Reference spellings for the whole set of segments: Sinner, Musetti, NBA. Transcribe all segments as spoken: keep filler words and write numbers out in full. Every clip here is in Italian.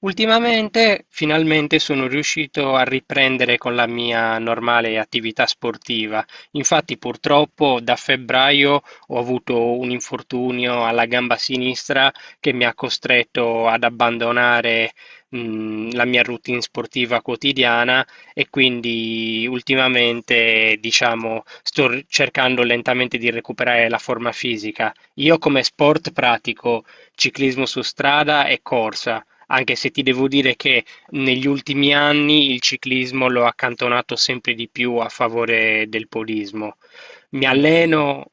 Ultimamente finalmente sono riuscito a riprendere con la mia normale attività sportiva. Infatti purtroppo da febbraio ho avuto un infortunio alla gamba sinistra che mi ha costretto ad abbandonare, mh, la mia routine sportiva quotidiana. E quindi ultimamente, diciamo, sto r- cercando lentamente di recuperare la forma fisica. Io come sport pratico ciclismo su strada e corsa, anche se ti devo dire che negli ultimi anni il ciclismo l'ho accantonato sempre di più a favore del podismo. Mi E beh, ci sta. alleno,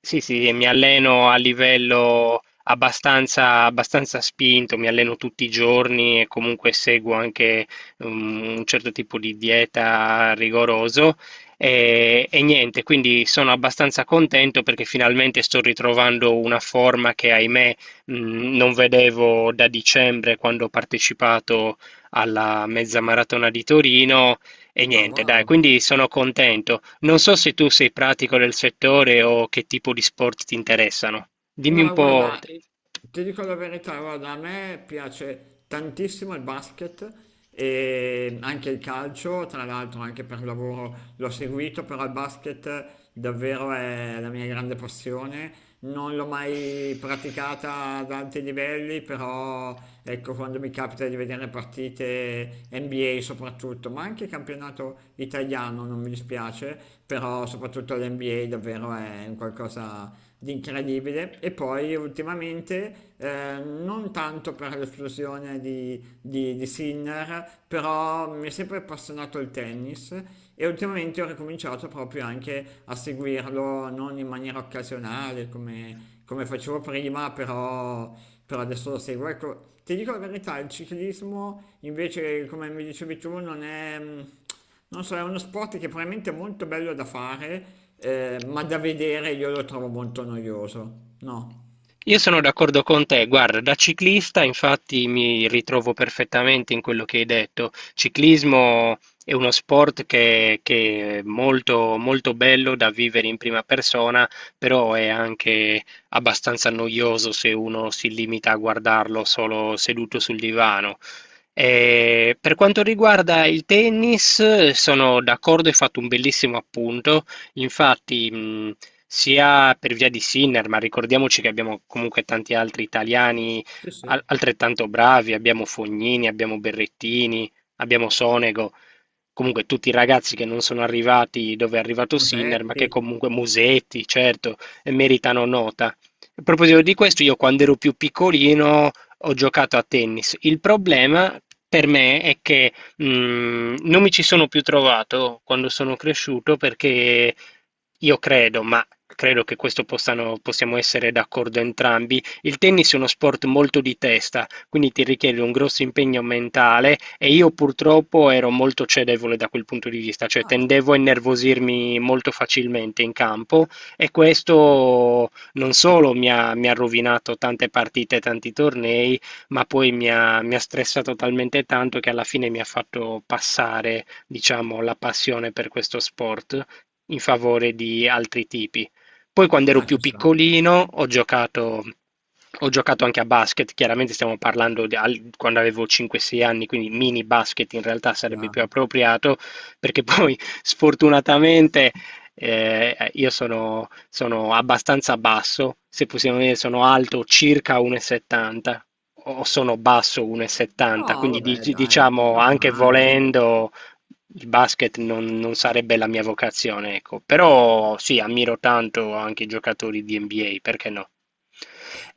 sì, sì, mi alleno a livello abbastanza, abbastanza spinto, mi alleno tutti i giorni e comunque seguo anche um, un certo tipo di dieta rigoroso. E, e niente, quindi sono abbastanza contento perché finalmente sto ritrovando una forma che, ahimè, mh, non vedevo da dicembre, quando ho partecipato alla mezza maratona di Torino e Ah, niente, dai, wow. quindi sono contento. Non so se tu sei pratico del settore o che tipo di sport ti interessano. Dimmi un No, po'. guarda, eh, ti dico la verità, guarda, a me piace tantissimo il basket e anche il calcio, tra l'altro anche per lavoro l'ho seguito, però il basket davvero è la mia grande passione. Non l'ho mai praticata ad alti livelli, però ecco, quando mi capita di vedere partite N B A soprattutto, ma anche campionato italiano non mi dispiace, però soprattutto l'N B A davvero è un qualcosa di incredibile. E poi ultimamente eh, non tanto per l'esplosione di di, di Sinner, però mi è sempre appassionato il tennis e ultimamente ho ricominciato proprio anche a seguirlo, non in maniera occasionale come, come facevo prima, però, però adesso lo seguo. Ecco, ti dico la verità, il ciclismo invece, come mi dicevi tu, non è... mm, Non so, è uno sport che probabilmente è molto bello da fare, eh, ma da vedere io lo trovo molto noioso. No. Io sono d'accordo con te, guarda, da ciclista infatti mi ritrovo perfettamente in quello che hai detto. Ciclismo è uno sport che, che è molto, molto bello da vivere in prima persona, però è anche abbastanza noioso se uno si limita a guardarlo solo seduto sul divano. Eh, per quanto riguarda il tennis, sono d'accordo, hai fatto un bellissimo appunto. Infatti, mh, sia per via di Sinner, ma ricordiamoci che abbiamo comunque tanti altri italiani Sì, sì. al- altrettanto bravi, abbiamo Fognini, abbiamo Berrettini, abbiamo Sonego, comunque tutti i ragazzi che non sono arrivati dove è arrivato Sinner, ma Musetti. che comunque Musetti, certo, e meritano nota. A proposito di questo, io quando ero più piccolino ho giocato a tennis. Il problema per me è che, Mm, non mi ci sono più trovato quando sono cresciuto, perché io credo, ma credo che questo possano, possiamo essere d'accordo entrambi, il tennis è uno sport molto di testa, quindi ti richiede un grosso impegno mentale e io purtroppo ero molto cedevole da quel punto di vista, cioè Vabbè, tendevo a innervosirmi molto facilmente in campo, e questo non solo mi ha, mi ha rovinato tante partite, tanti tornei, ma poi mi ha, mi ha stressato talmente tanto che alla fine mi ha fatto passare, diciamo, la passione per questo sport in favore di altri tipi. Poi quando ero no, più ci sta. piccolino ho giocato, ho giocato anche a basket, chiaramente stiamo parlando di al- quando avevo cinque sei anni, quindi mini basket in realtà sarebbe più Chiaro. appropriato, perché poi sfortunatamente eh, io sono, sono abbastanza basso, se possiamo dire sono alto circa uno e settanta, o sono basso uno e settanta, No, quindi vabbè dic- dai, diciamo, anche normale. volendo, il basket non, non sarebbe la mia vocazione, ecco. Però sì, ammiro tanto anche i giocatori di N B A, perché no?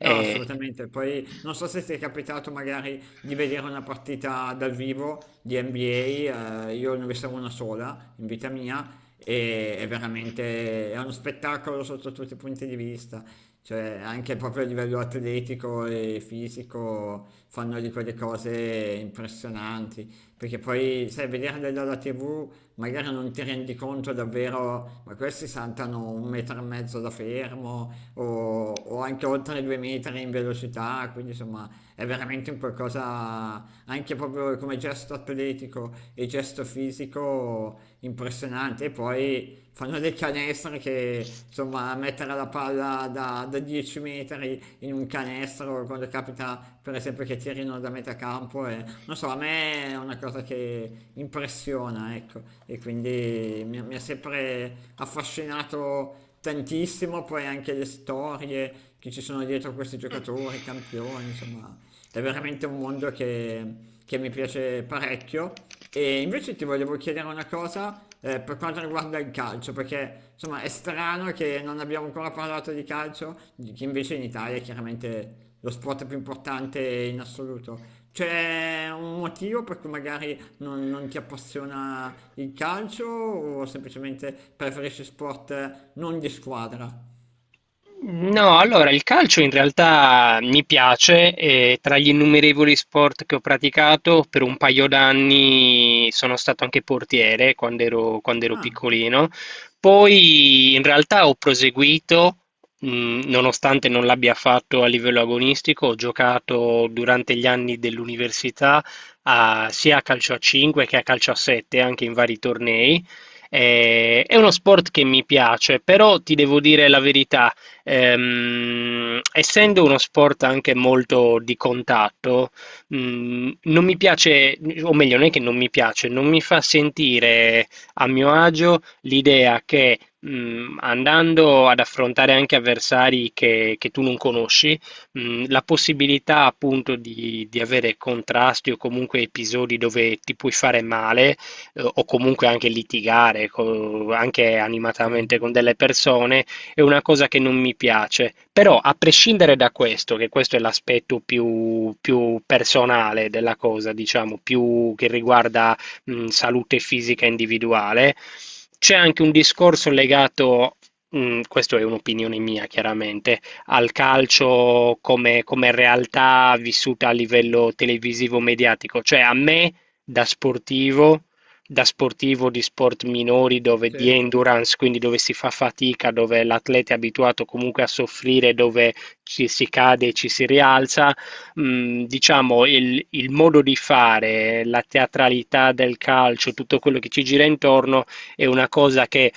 No, assolutamente. Poi non so se ti è capitato magari di vedere una partita dal vivo di N B A, eh, io ne ho vista una sola in vita mia, e è veramente è uno spettacolo sotto tutti i punti di vista, cioè anche proprio a livello atletico e fisico fanno di quelle cose impressionanti, perché poi sai, vederle dalla T V magari non ti rendi conto davvero, ma questi saltano un metro e mezzo da fermo, o, o anche oltre i due metri in velocità, quindi insomma è veramente un qualcosa anche proprio come gesto atletico e gesto fisico impressionante. E poi fanno dei canestre che insomma mettere la palla da, da 10 metri in un canestro quando capita per esempio che tirino da metà campo, e non so, a me è una cosa che impressiona, ecco, e quindi mi, mi ha sempre affascinato tantissimo, poi anche le storie che ci sono dietro questi giocatori, campioni, insomma, è veramente un mondo che, che mi piace parecchio. E invece ti volevo chiedere una cosa eh, per quanto riguarda il calcio, perché insomma è strano che non abbiamo ancora parlato di calcio, di- che invece in Italia è chiaramente lo sport più importante in assoluto. C'è un motivo per cui magari non, non ti appassiona il calcio o semplicemente preferisci sport non di squadra? no, allora il calcio in realtà mi piace, e tra gli innumerevoli sport che ho praticato per un paio d'anni sono stato anche portiere quando ero, quando ero Ah, piccolino, poi in realtà ho proseguito, mh, nonostante non l'abbia fatto a livello agonistico, ho giocato durante gli anni dell'università a- sia a calcio a cinque che a calcio a sette, anche in vari tornei. Eh, È uno sport che mi piace, però ti devo dire la verità. Ehm, essendo uno sport anche molto di contatto, mh, non mi piace, o meglio, non è che non mi piace, non mi fa sentire a mio agio l'idea che, mh, andando ad affrontare anche avversari che, che tu non conosci, mh, la possibilità appunto di, di avere contrasti o comunque episodi dove ti puoi fare male, eh, o comunque anche litigare co- anche animatamente certo, con delle persone, è una cosa che non mi piace. Però, a prescindere da questo, che questo è l'aspetto più, più personale della cosa, diciamo, più che riguarda, mh, salute fisica individuale, c'è anche un discorso legato, mh, questo è un'opinione mia chiaramente, al calcio come, come realtà vissuta a livello televisivo mediatico. Cioè, a me da sportivo, da sportivo di sport minori, dove di sì, endurance, quindi dove si fa fatica, dove l'atleta è abituato comunque a soffrire, dove ci si cade e ci si rialza, mh, diciamo il, il modo di fare, la teatralità del calcio, tutto quello che ci gira intorno è una cosa che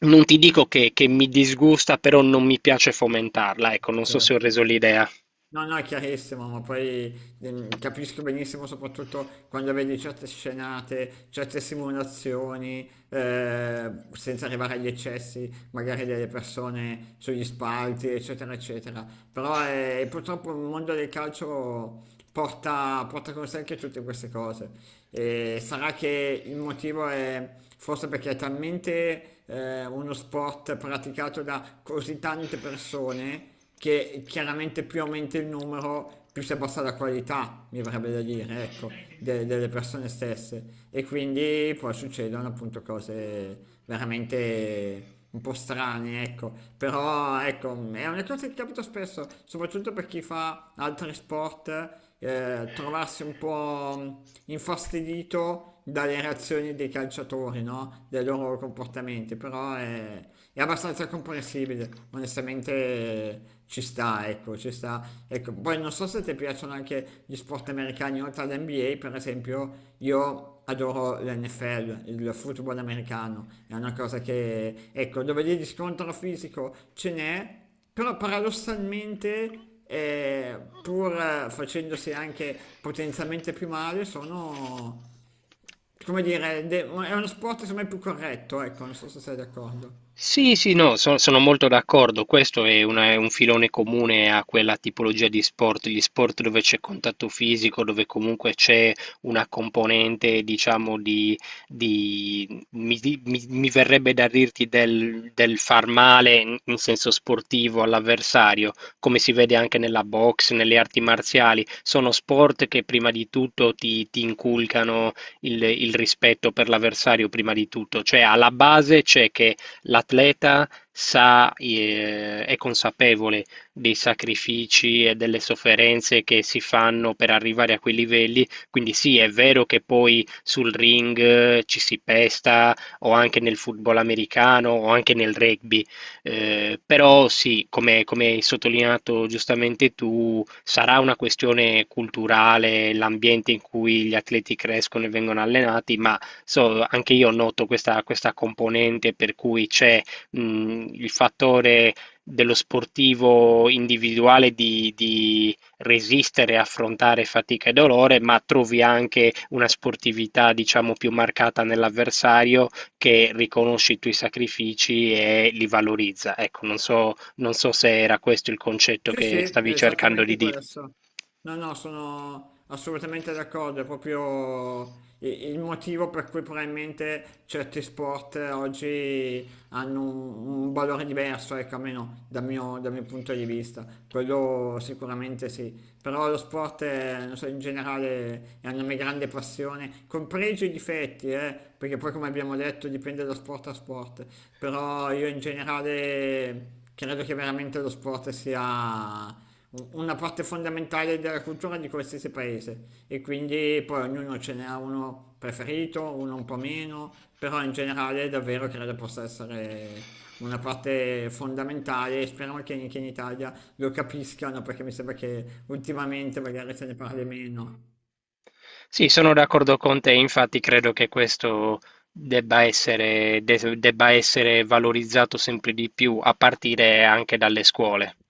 non ti dico che, che mi disgusta, però non mi piace fomentarla, ecco, non so se ho certo. reso l'idea. No, no, è chiarissimo, ma poi ehm, capisco benissimo soprattutto quando vedi certe scenate, certe simulazioni, eh, senza arrivare agli eccessi, magari delle persone sugli spalti, eccetera, eccetera. Però eh, purtroppo il mondo del calcio porta, porta con sé anche tutte queste cose. E sarà che il motivo è forse perché è talmente eh, uno sport praticato da così tante persone che chiaramente più aumenta il numero, più si abbassa la qualità, mi verrebbe da dire, ecco, de- delle persone stesse. E quindi poi succedono appunto cose veramente un po' strane, ecco. Però ecco, è una cosa che capita spesso, soprattutto per chi fa altri sport, eh, trovarsi un po' infastidito dalle reazioni dei calciatori, no? Dai loro comportamenti, però è, è abbastanza comprensibile, onestamente ci sta, ecco, ci sta. Ecco, poi non so se ti piacciono anche gli sport americani oltre all'N B A, per esempio, io adoro l'N F L, il football americano, è una cosa che, ecco, dove lì di scontro fisico ce n'è, però paradossalmente eh, pur eh, facendosi anche potenzialmente più male, sono, come dire, de- è uno sport secondo me più corretto, ecco, non so se sei d'accordo. Sì, sì, no, so- sono molto d'accordo. Questo è, una- è un filone comune a quella tipologia di sport, gli sport dove c'è contatto fisico, dove comunque c'è una componente, diciamo, di, di- mi, di- mi- mi verrebbe da dirti del, del far male in, in senso sportivo all'avversario, come si vede anche nella box, nelle arti marziali. Sono sport che prima di tutto ti, ti inculcano il il rispetto per l'avversario, prima di tutto. Cioè, alla base c'è che l'atleta sa, eh, è consapevole dei sacrifici e delle sofferenze che si fanno per arrivare a quei livelli, quindi sì, è vero che poi sul ring, eh, ci si pesta, o anche nel football americano o anche nel rugby, eh, però sì, come, come hai sottolineato giustamente tu, sarà una questione culturale, l'ambiente in cui gli atleti crescono e vengono allenati, ma so, anche io noto questa, questa componente per cui c'è, mh, il fattore dello sportivo individuale di, di resistere, e affrontare fatica e dolore, ma trovi anche una sportività, diciamo, più marcata nell'avversario che riconosce i tuoi sacrifici e li valorizza. Ecco, non so, non so se era questo il concetto Sì, sì, che è stavi cercando di esattamente dire. questo. No, no, sono assolutamente d'accordo, è proprio i- il motivo per cui probabilmente certi sport oggi hanno un, un valore diverso, ecco, almeno dal mio, dal mio, punto di vista. Quello sicuramente sì, però lo sport, è, non so, in generale è una mia grande passione, con pregi e difetti, eh, perché poi come abbiamo detto dipende da sport a sport, però io in generale credo che veramente lo sport sia u- una parte fondamentale della cultura di qualsiasi paese e quindi poi ognuno ce n'ha uno preferito, uno un po' meno, però in generale davvero credo possa essere una parte fondamentale e speriamo che anche in Italia lo capiscano perché mi sembra che ultimamente magari se ne parli meno. Sì, sono d'accordo con te, infatti credo che questo debba essere, de- debba essere valorizzato sempre di più a partire anche dalle scuole.